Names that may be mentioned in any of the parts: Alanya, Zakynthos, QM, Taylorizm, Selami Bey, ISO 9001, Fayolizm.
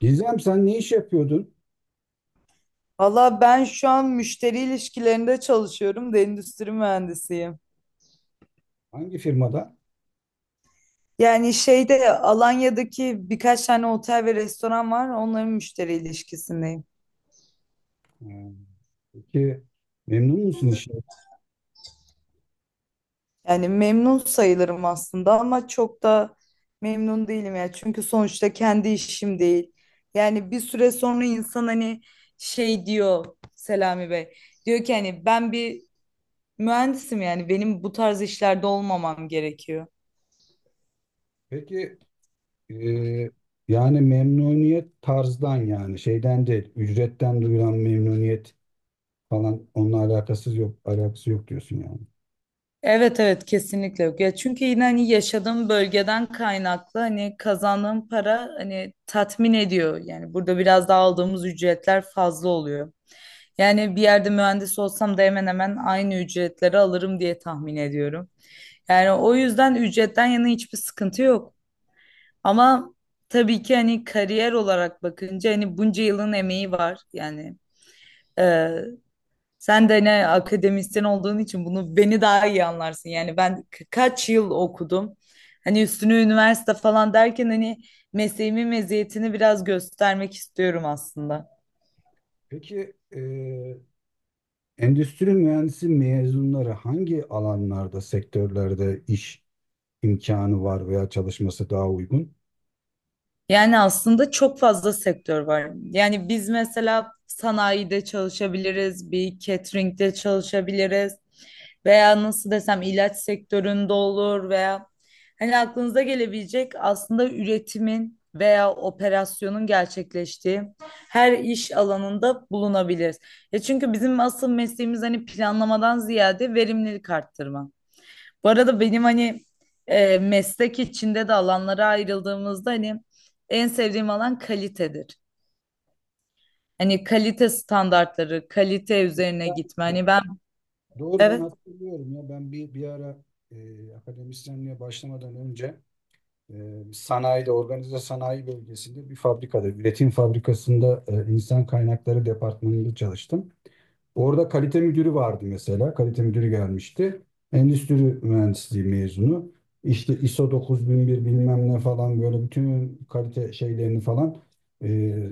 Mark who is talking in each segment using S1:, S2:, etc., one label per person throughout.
S1: Gizem, sen ne iş yapıyordun?
S2: Valla ben şu an müşteri ilişkilerinde çalışıyorum da endüstri mühendisiyim.
S1: Hangi firmada?
S2: Yani şeyde Alanya'daki birkaç tane otel ve restoran var. Onların müşteri ilişkisindeyim.
S1: Ha, peki memnun musun işten?
S2: Yani memnun sayılırım aslında ama çok da memnun değilim ya. Çünkü sonuçta kendi işim değil. Yani bir süre sonra insan hani şey diyor, Selami Bey. Diyor ki hani ben bir mühendisim, yani benim bu tarz işlerde olmamam gerekiyor.
S1: Peki e, yani memnuniyet tarzdan yani şeyden değil, ücretten duyulan memnuniyet falan onunla alakasız yok, alakası yok diyorsun yani.
S2: Evet evet, kesinlikle yok. Ya çünkü yine hani yaşadığım bölgeden kaynaklı hani kazandığım para hani tatmin ediyor. Yani burada biraz daha aldığımız ücretler fazla oluyor. Yani bir yerde mühendis olsam da hemen hemen aynı ücretleri alırım diye tahmin ediyorum. Yani o yüzden ücretten yana hiçbir sıkıntı yok. Ama tabii ki hani kariyer olarak bakınca hani bunca yılın emeği var. Yani sen de ne akademisyen olduğun için bunu beni daha iyi anlarsın. Yani ben kaç yıl okudum. Hani üstüne üniversite falan derken hani mesleğimin meziyetini biraz göstermek istiyorum aslında.
S1: Peki endüstri mühendisi mezunları hangi alanlarda, sektörlerde iş imkanı var veya çalışması daha uygun?
S2: Yani aslında çok fazla sektör var. Yani biz mesela sanayide çalışabiliriz, bir catering'de çalışabiliriz veya nasıl desem ilaç sektöründe olur veya hani aklınıza gelebilecek aslında üretimin veya operasyonun gerçekleştiği her iş alanında bulunabiliriz. Ya çünkü bizim asıl mesleğimiz hani planlamadan ziyade verimlilik arttırma. Bu arada benim hani meslek içinde de alanlara ayrıldığımızda hani en sevdiğim alan kalitedir. Hani kalite standartları, kalite üzerine gitme. Hani ben.
S1: Doğru, ben
S2: Evet,
S1: hatırlıyorum ya, ben bir ara akademisyenliğe başlamadan önce e, sanayide, organize sanayi bölgesinde bir fabrikada, üretim fabrikasında insan kaynakları departmanında çalıştım. Orada kalite müdürü vardı mesela. Kalite müdürü gelmişti. Endüstri mühendisliği mezunu. İşte ISO 9001 bilmem ne falan, böyle bütün kalite şeylerini falan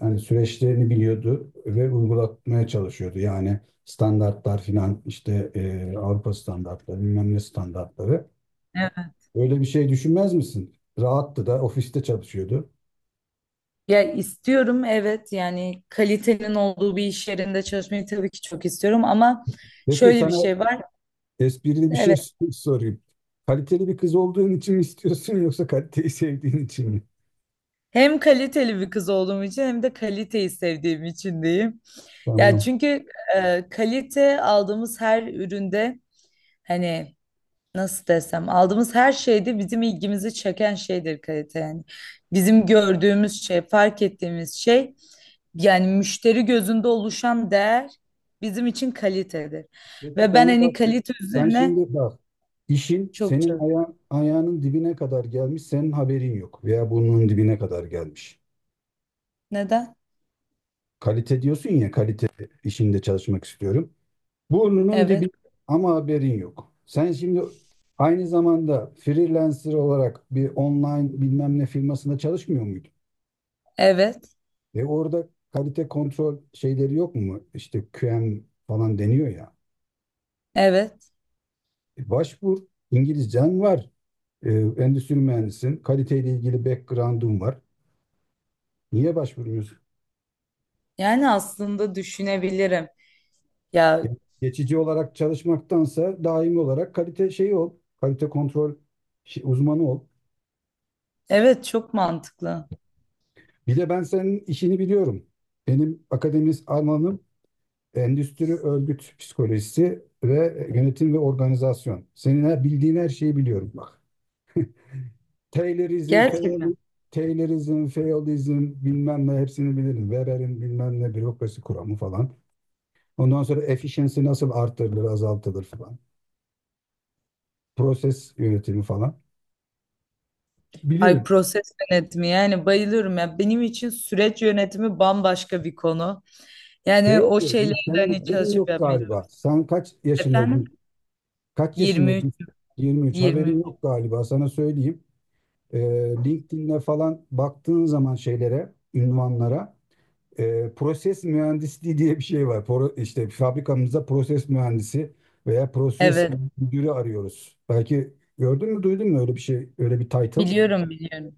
S1: hani süreçlerini biliyordu ve uygulatmaya çalışıyordu. Yani standartlar filan işte, Avrupa standartları bilmem ne standartları.
S2: evet.
S1: Öyle bir şey düşünmez misin? Rahattı da, ofiste çalışıyordu.
S2: Ya istiyorum, evet, yani kalitenin olduğu bir iş yerinde çalışmayı tabii ki çok istiyorum ama
S1: Peki
S2: şöyle bir
S1: sana
S2: şey var.
S1: esprili bir şey
S2: Evet.
S1: sorayım. Kaliteli bir kız olduğun için mi istiyorsun, yoksa kaliteyi sevdiğin için mi?
S2: Hem kaliteli bir kız olduğum için hem de kaliteyi sevdiğim için diyeyim. Ya
S1: Tamam.
S2: çünkü kalite aldığımız her üründe hani nasıl desem aldığımız her şeyde bizim ilgimizi çeken şeydir kalite yani. Bizim gördüğümüz şey, fark ettiğimiz şey, yani müşteri gözünde oluşan değer bizim için kalitedir.
S1: Peki
S2: Ve ben
S1: sana
S2: hani
S1: bak,
S2: kalite
S1: sen
S2: üzerine
S1: şimdi bak, işin
S2: çok
S1: senin
S2: çok.
S1: ayağının dibine kadar gelmiş, senin haberin yok, veya burnunun dibine kadar gelmiş.
S2: Neden?
S1: Kalite diyorsun ya, kalite işinde çalışmak istiyorum. Burnunun dibi
S2: Evet,
S1: ama haberin yok. Sen şimdi aynı zamanda freelancer olarak bir online bilmem ne firmasında çalışmıyor muydun?
S2: evet,
S1: E orada kalite kontrol şeyleri yok mu? İşte QM falan deniyor ya.
S2: evet.
S1: E başvur, İngilizcen var. Ee, endüstri mühendisin. Kaliteyle ilgili backgroundum var. Niye başvurmuyorsun?
S2: Yani aslında düşünebilirim. Ya,
S1: Ya, geçici olarak çalışmaktansa daimi olarak kalite şeyi ol. Kalite kontrol uzmanı ol.
S2: evet, çok mantıklı.
S1: Bir de ben senin işini biliyorum. Benim akademis alanım endüstri örgüt psikolojisi ve yönetim ve organizasyon. Senin bildiğin her şeyi biliyorum bak. Taylorizm, Fayol-
S2: Gerçekten.
S1: Taylorizm, Fayolizm bilmem ne hepsini bilirim. Weber'in bilmem ne bürokrasi kuramı falan. Ondan sonra efficiency nasıl arttırılır, azaltılır falan. Proses yönetimi falan.
S2: Ay,
S1: Bilirim.
S2: proses yönetimi, yani bayılıyorum ya. Benim için süreç yönetimi bambaşka bir konu.
S1: Şey
S2: Yani o
S1: yapıyor.
S2: şeyleri de
S1: Senin
S2: hani
S1: haberin
S2: çalışıp
S1: yok
S2: yapmaya çok.
S1: galiba. Sen kaç yaşındaydın?
S2: Efendim?
S1: Kaç
S2: 23,
S1: yaşındaydın? 23.
S2: 23.
S1: Haberin yok galiba. Sana söyleyeyim. Ee, LinkedIn'e falan baktığın zaman şeylere, ünvanlara, proses mühendisliği diye bir şey var. İşte fabrikamızda proses mühendisi veya proses
S2: Evet.
S1: müdürü arıyoruz. Belki gördün mü, duydun mu öyle bir şey, öyle bir title?
S2: Biliyorum, biliyorum.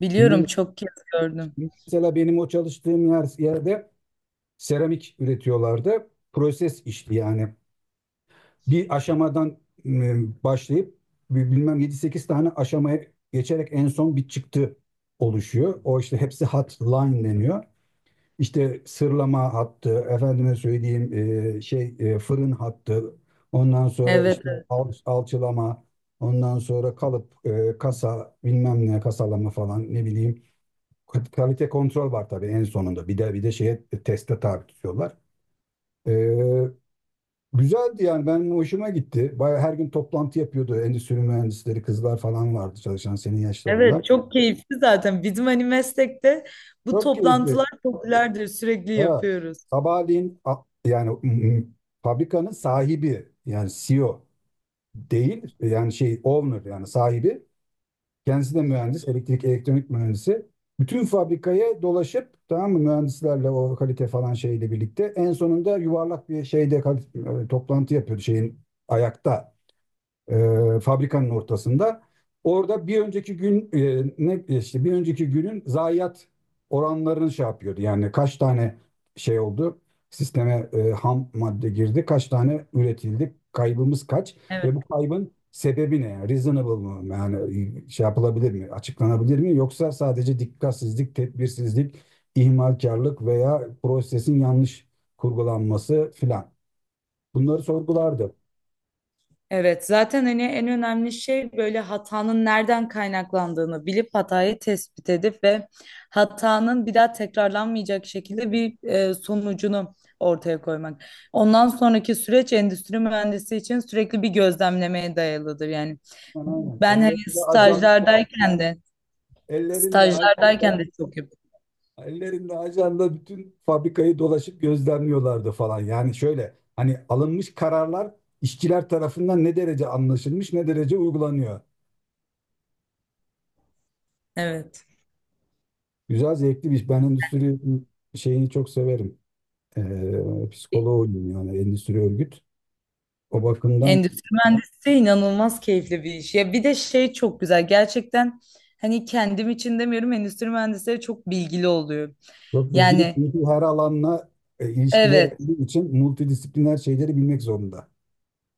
S2: Biliyorum,
S1: Şimdi
S2: çok kez gördüm.
S1: mesela benim o çalıştığım yerde seramik üretiyorlardı. Proses işti yani. Bir aşamadan başlayıp bilmem yedi sekiz tane aşamaya geçerek en son bir çıktı oluşuyor. O işte hepsi hat line deniyor. İşte sırlama hattı, efendime söyleyeyim fırın hattı, ondan sonra
S2: Evet,
S1: işte
S2: evet.
S1: alçılama, ondan sonra kalıp, kasa bilmem ne, kasalama falan, ne bileyim. Kalite kontrol var tabii en sonunda. Bir de şeye, teste tabi tutuyorlar. Ee, güzeldi yani, ben hoşuma gitti. Bayağı her gün toplantı yapıyordu. Endüstri mühendisleri kızlar falan vardı çalışan, senin yaşlarında.
S2: Evet, çok keyifli zaten. Bizim hani meslekte bu
S1: Çok keyifli.
S2: toplantılar popülerdir. Sürekli
S1: Ha,
S2: yapıyoruz.
S1: sabahleyin yani fabrikanın sahibi, yani CEO değil, yani şey, owner, yani sahibi. Kendisi de mühendis, elektrik elektronik mühendisi. Bütün fabrikaya dolaşıp, tamam mı, mühendislerle, o kalite falan şeyle birlikte, en sonunda yuvarlak bir şeyde, toplantı yapıyordu şeyin, ayakta, fabrikanın ortasında. Orada bir önceki gün, e, ne işte bir önceki günün zayiat oranlarını şey yapıyordu. Yani kaç tane şey oldu? Sisteme ham madde girdi, kaç tane üretildi, kaybımız kaç ve
S2: Evet.
S1: bu kaybın sebebi ne? Yani reasonable mı? Yani şey yapılabilir mi? Açıklanabilir mi? Yoksa sadece dikkatsizlik, tedbirsizlik, ihmalkarlık veya prosesin yanlış kurgulanması filan. Bunları sorgulardı.
S2: Evet, zaten hani en önemli şey böyle hatanın nereden kaynaklandığını bilip hatayı tespit edip ve hatanın bir daha tekrarlanmayacak şekilde bir sonucunu ortaya koymak. Ondan sonraki süreç endüstri mühendisi için sürekli bir gözlemlemeye dayalıdır. Yani
S1: Aynen aynen.
S2: ben hani
S1: Ellerinde
S2: stajlardayken de çok yap.
S1: ellerinde ajanda, bütün fabrikayı dolaşıp gözlemliyorlardı falan. Yani şöyle, hani alınmış kararlar işçiler tarafından ne derece anlaşılmış, ne derece uygulanıyor.
S2: Evet.
S1: Güzel, zevkli bir iş. Ben endüstri şeyini çok severim. Psikoloğuyum yani, endüstri örgüt. O bakımdan
S2: Endüstri mühendisliği inanılmaz keyifli bir iş. Ya bir de şey çok güzel. Gerçekten hani kendim için demiyorum, endüstri mühendisleri çok bilgili oluyor.
S1: çok ilgili,
S2: Yani
S1: çünkü her alanla ilişkileri
S2: evet.
S1: olduğu için multidisipliner şeyleri bilmek zorunda.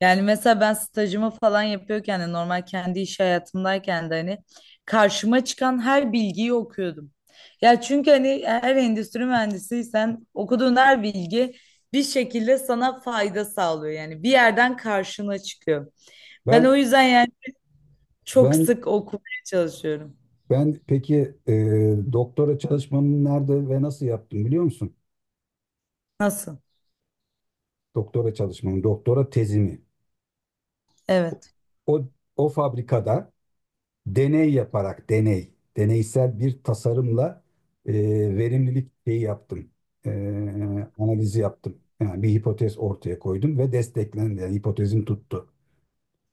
S2: Yani mesela ben stajımı falan yapıyorken de normal kendi iş hayatımdayken de hani karşıma çıkan her bilgiyi okuyordum. Ya çünkü hani her endüstri mühendisiysen okuduğun her bilgi bir şekilde sana fayda sağlıyor. Yani bir yerden karşına çıkıyor. Ben o
S1: Ben
S2: yüzden yani çok
S1: ben
S2: sık okumaya çalışıyorum.
S1: Ben peki doktora çalışmamı nerede ve nasıl yaptım biliyor musun?
S2: Nasıl?
S1: Doktora çalışmamı, doktora tezimi.
S2: Evet.
S1: O, o fabrikada deney yaparak, deneysel bir tasarımla e, verimlilik şeyi yaptım. E, analizi yaptım. Yani bir hipotez ortaya koydum ve desteklendi. Yani hipotezim tuttu.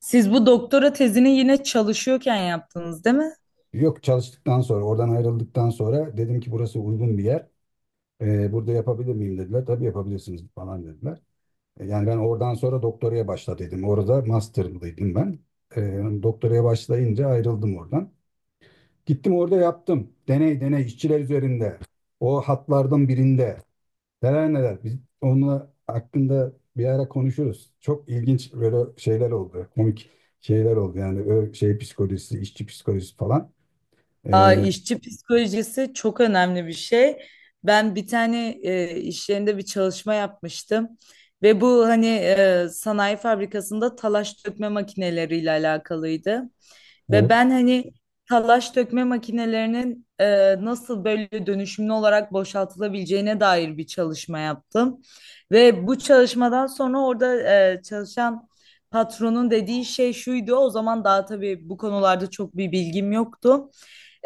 S2: Siz bu doktora tezini yine çalışıyorken yaptınız, değil mi?
S1: Yok, çalıştıktan sonra, oradan ayrıldıktan sonra dedim ki burası uygun bir yer. E, burada yapabilir miyim, dediler. Tabii yapabilirsiniz falan dediler. Yani ben oradan sonra doktoraya başladıydım. Orada master'daydım ben. E, doktoraya başlayınca ayrıldım oradan. Gittim orada yaptım. Deney işçiler üzerinde. O hatlardan birinde. Neler neler. Biz onunla hakkında bir ara konuşuruz. Çok ilginç böyle şeyler oldu. Komik şeyler oldu. Yani şey psikolojisi, işçi psikolojisi falan.
S2: Aa,
S1: E,
S2: işçi psikolojisi çok önemli bir şey. Ben bir tane iş yerinde bir çalışma yapmıştım ve bu hani sanayi fabrikasında talaş dökme makineleriyle alakalıydı. Ve
S1: evet.
S2: ben hani talaş dökme makinelerinin nasıl böyle dönüşümlü olarak boşaltılabileceğine dair bir çalışma yaptım. Ve bu çalışmadan sonra orada çalışan patronun dediği şey şuydu. O zaman daha tabii bu konularda çok bir bilgim yoktu.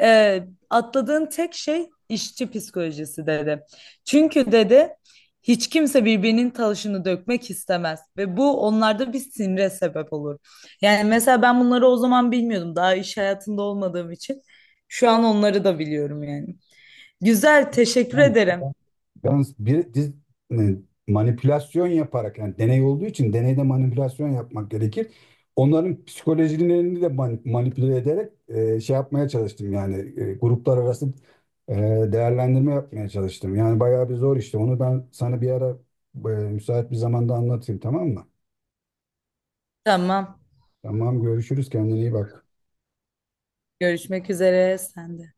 S2: Ee, Atladığın tek şey işçi psikolojisi dedi. Çünkü dedi hiç kimse birbirinin taşını dökmek istemez ve bu onlarda bir sinire sebep olur. Yani mesela ben bunları o zaman bilmiyordum, daha iş hayatında olmadığım için. Şu an onları da biliyorum yani. Güzel, teşekkür
S1: Yani
S2: ederim.
S1: yalnız e, manipülasyon yaparak, yani deney olduğu için deneyde manipülasyon yapmak gerekir. Onların psikolojilerini de manipüle ederek şey yapmaya çalıştım yani, gruplar arası e, değerlendirme yapmaya çalıştım. Yani bayağı bir zor işte. Onu ben sana bir ara müsait bir zamanda anlatayım, tamam mı?
S2: Tamam.
S1: Tamam, görüşürüz, kendine iyi bak.
S2: Görüşmek üzere. Sen de.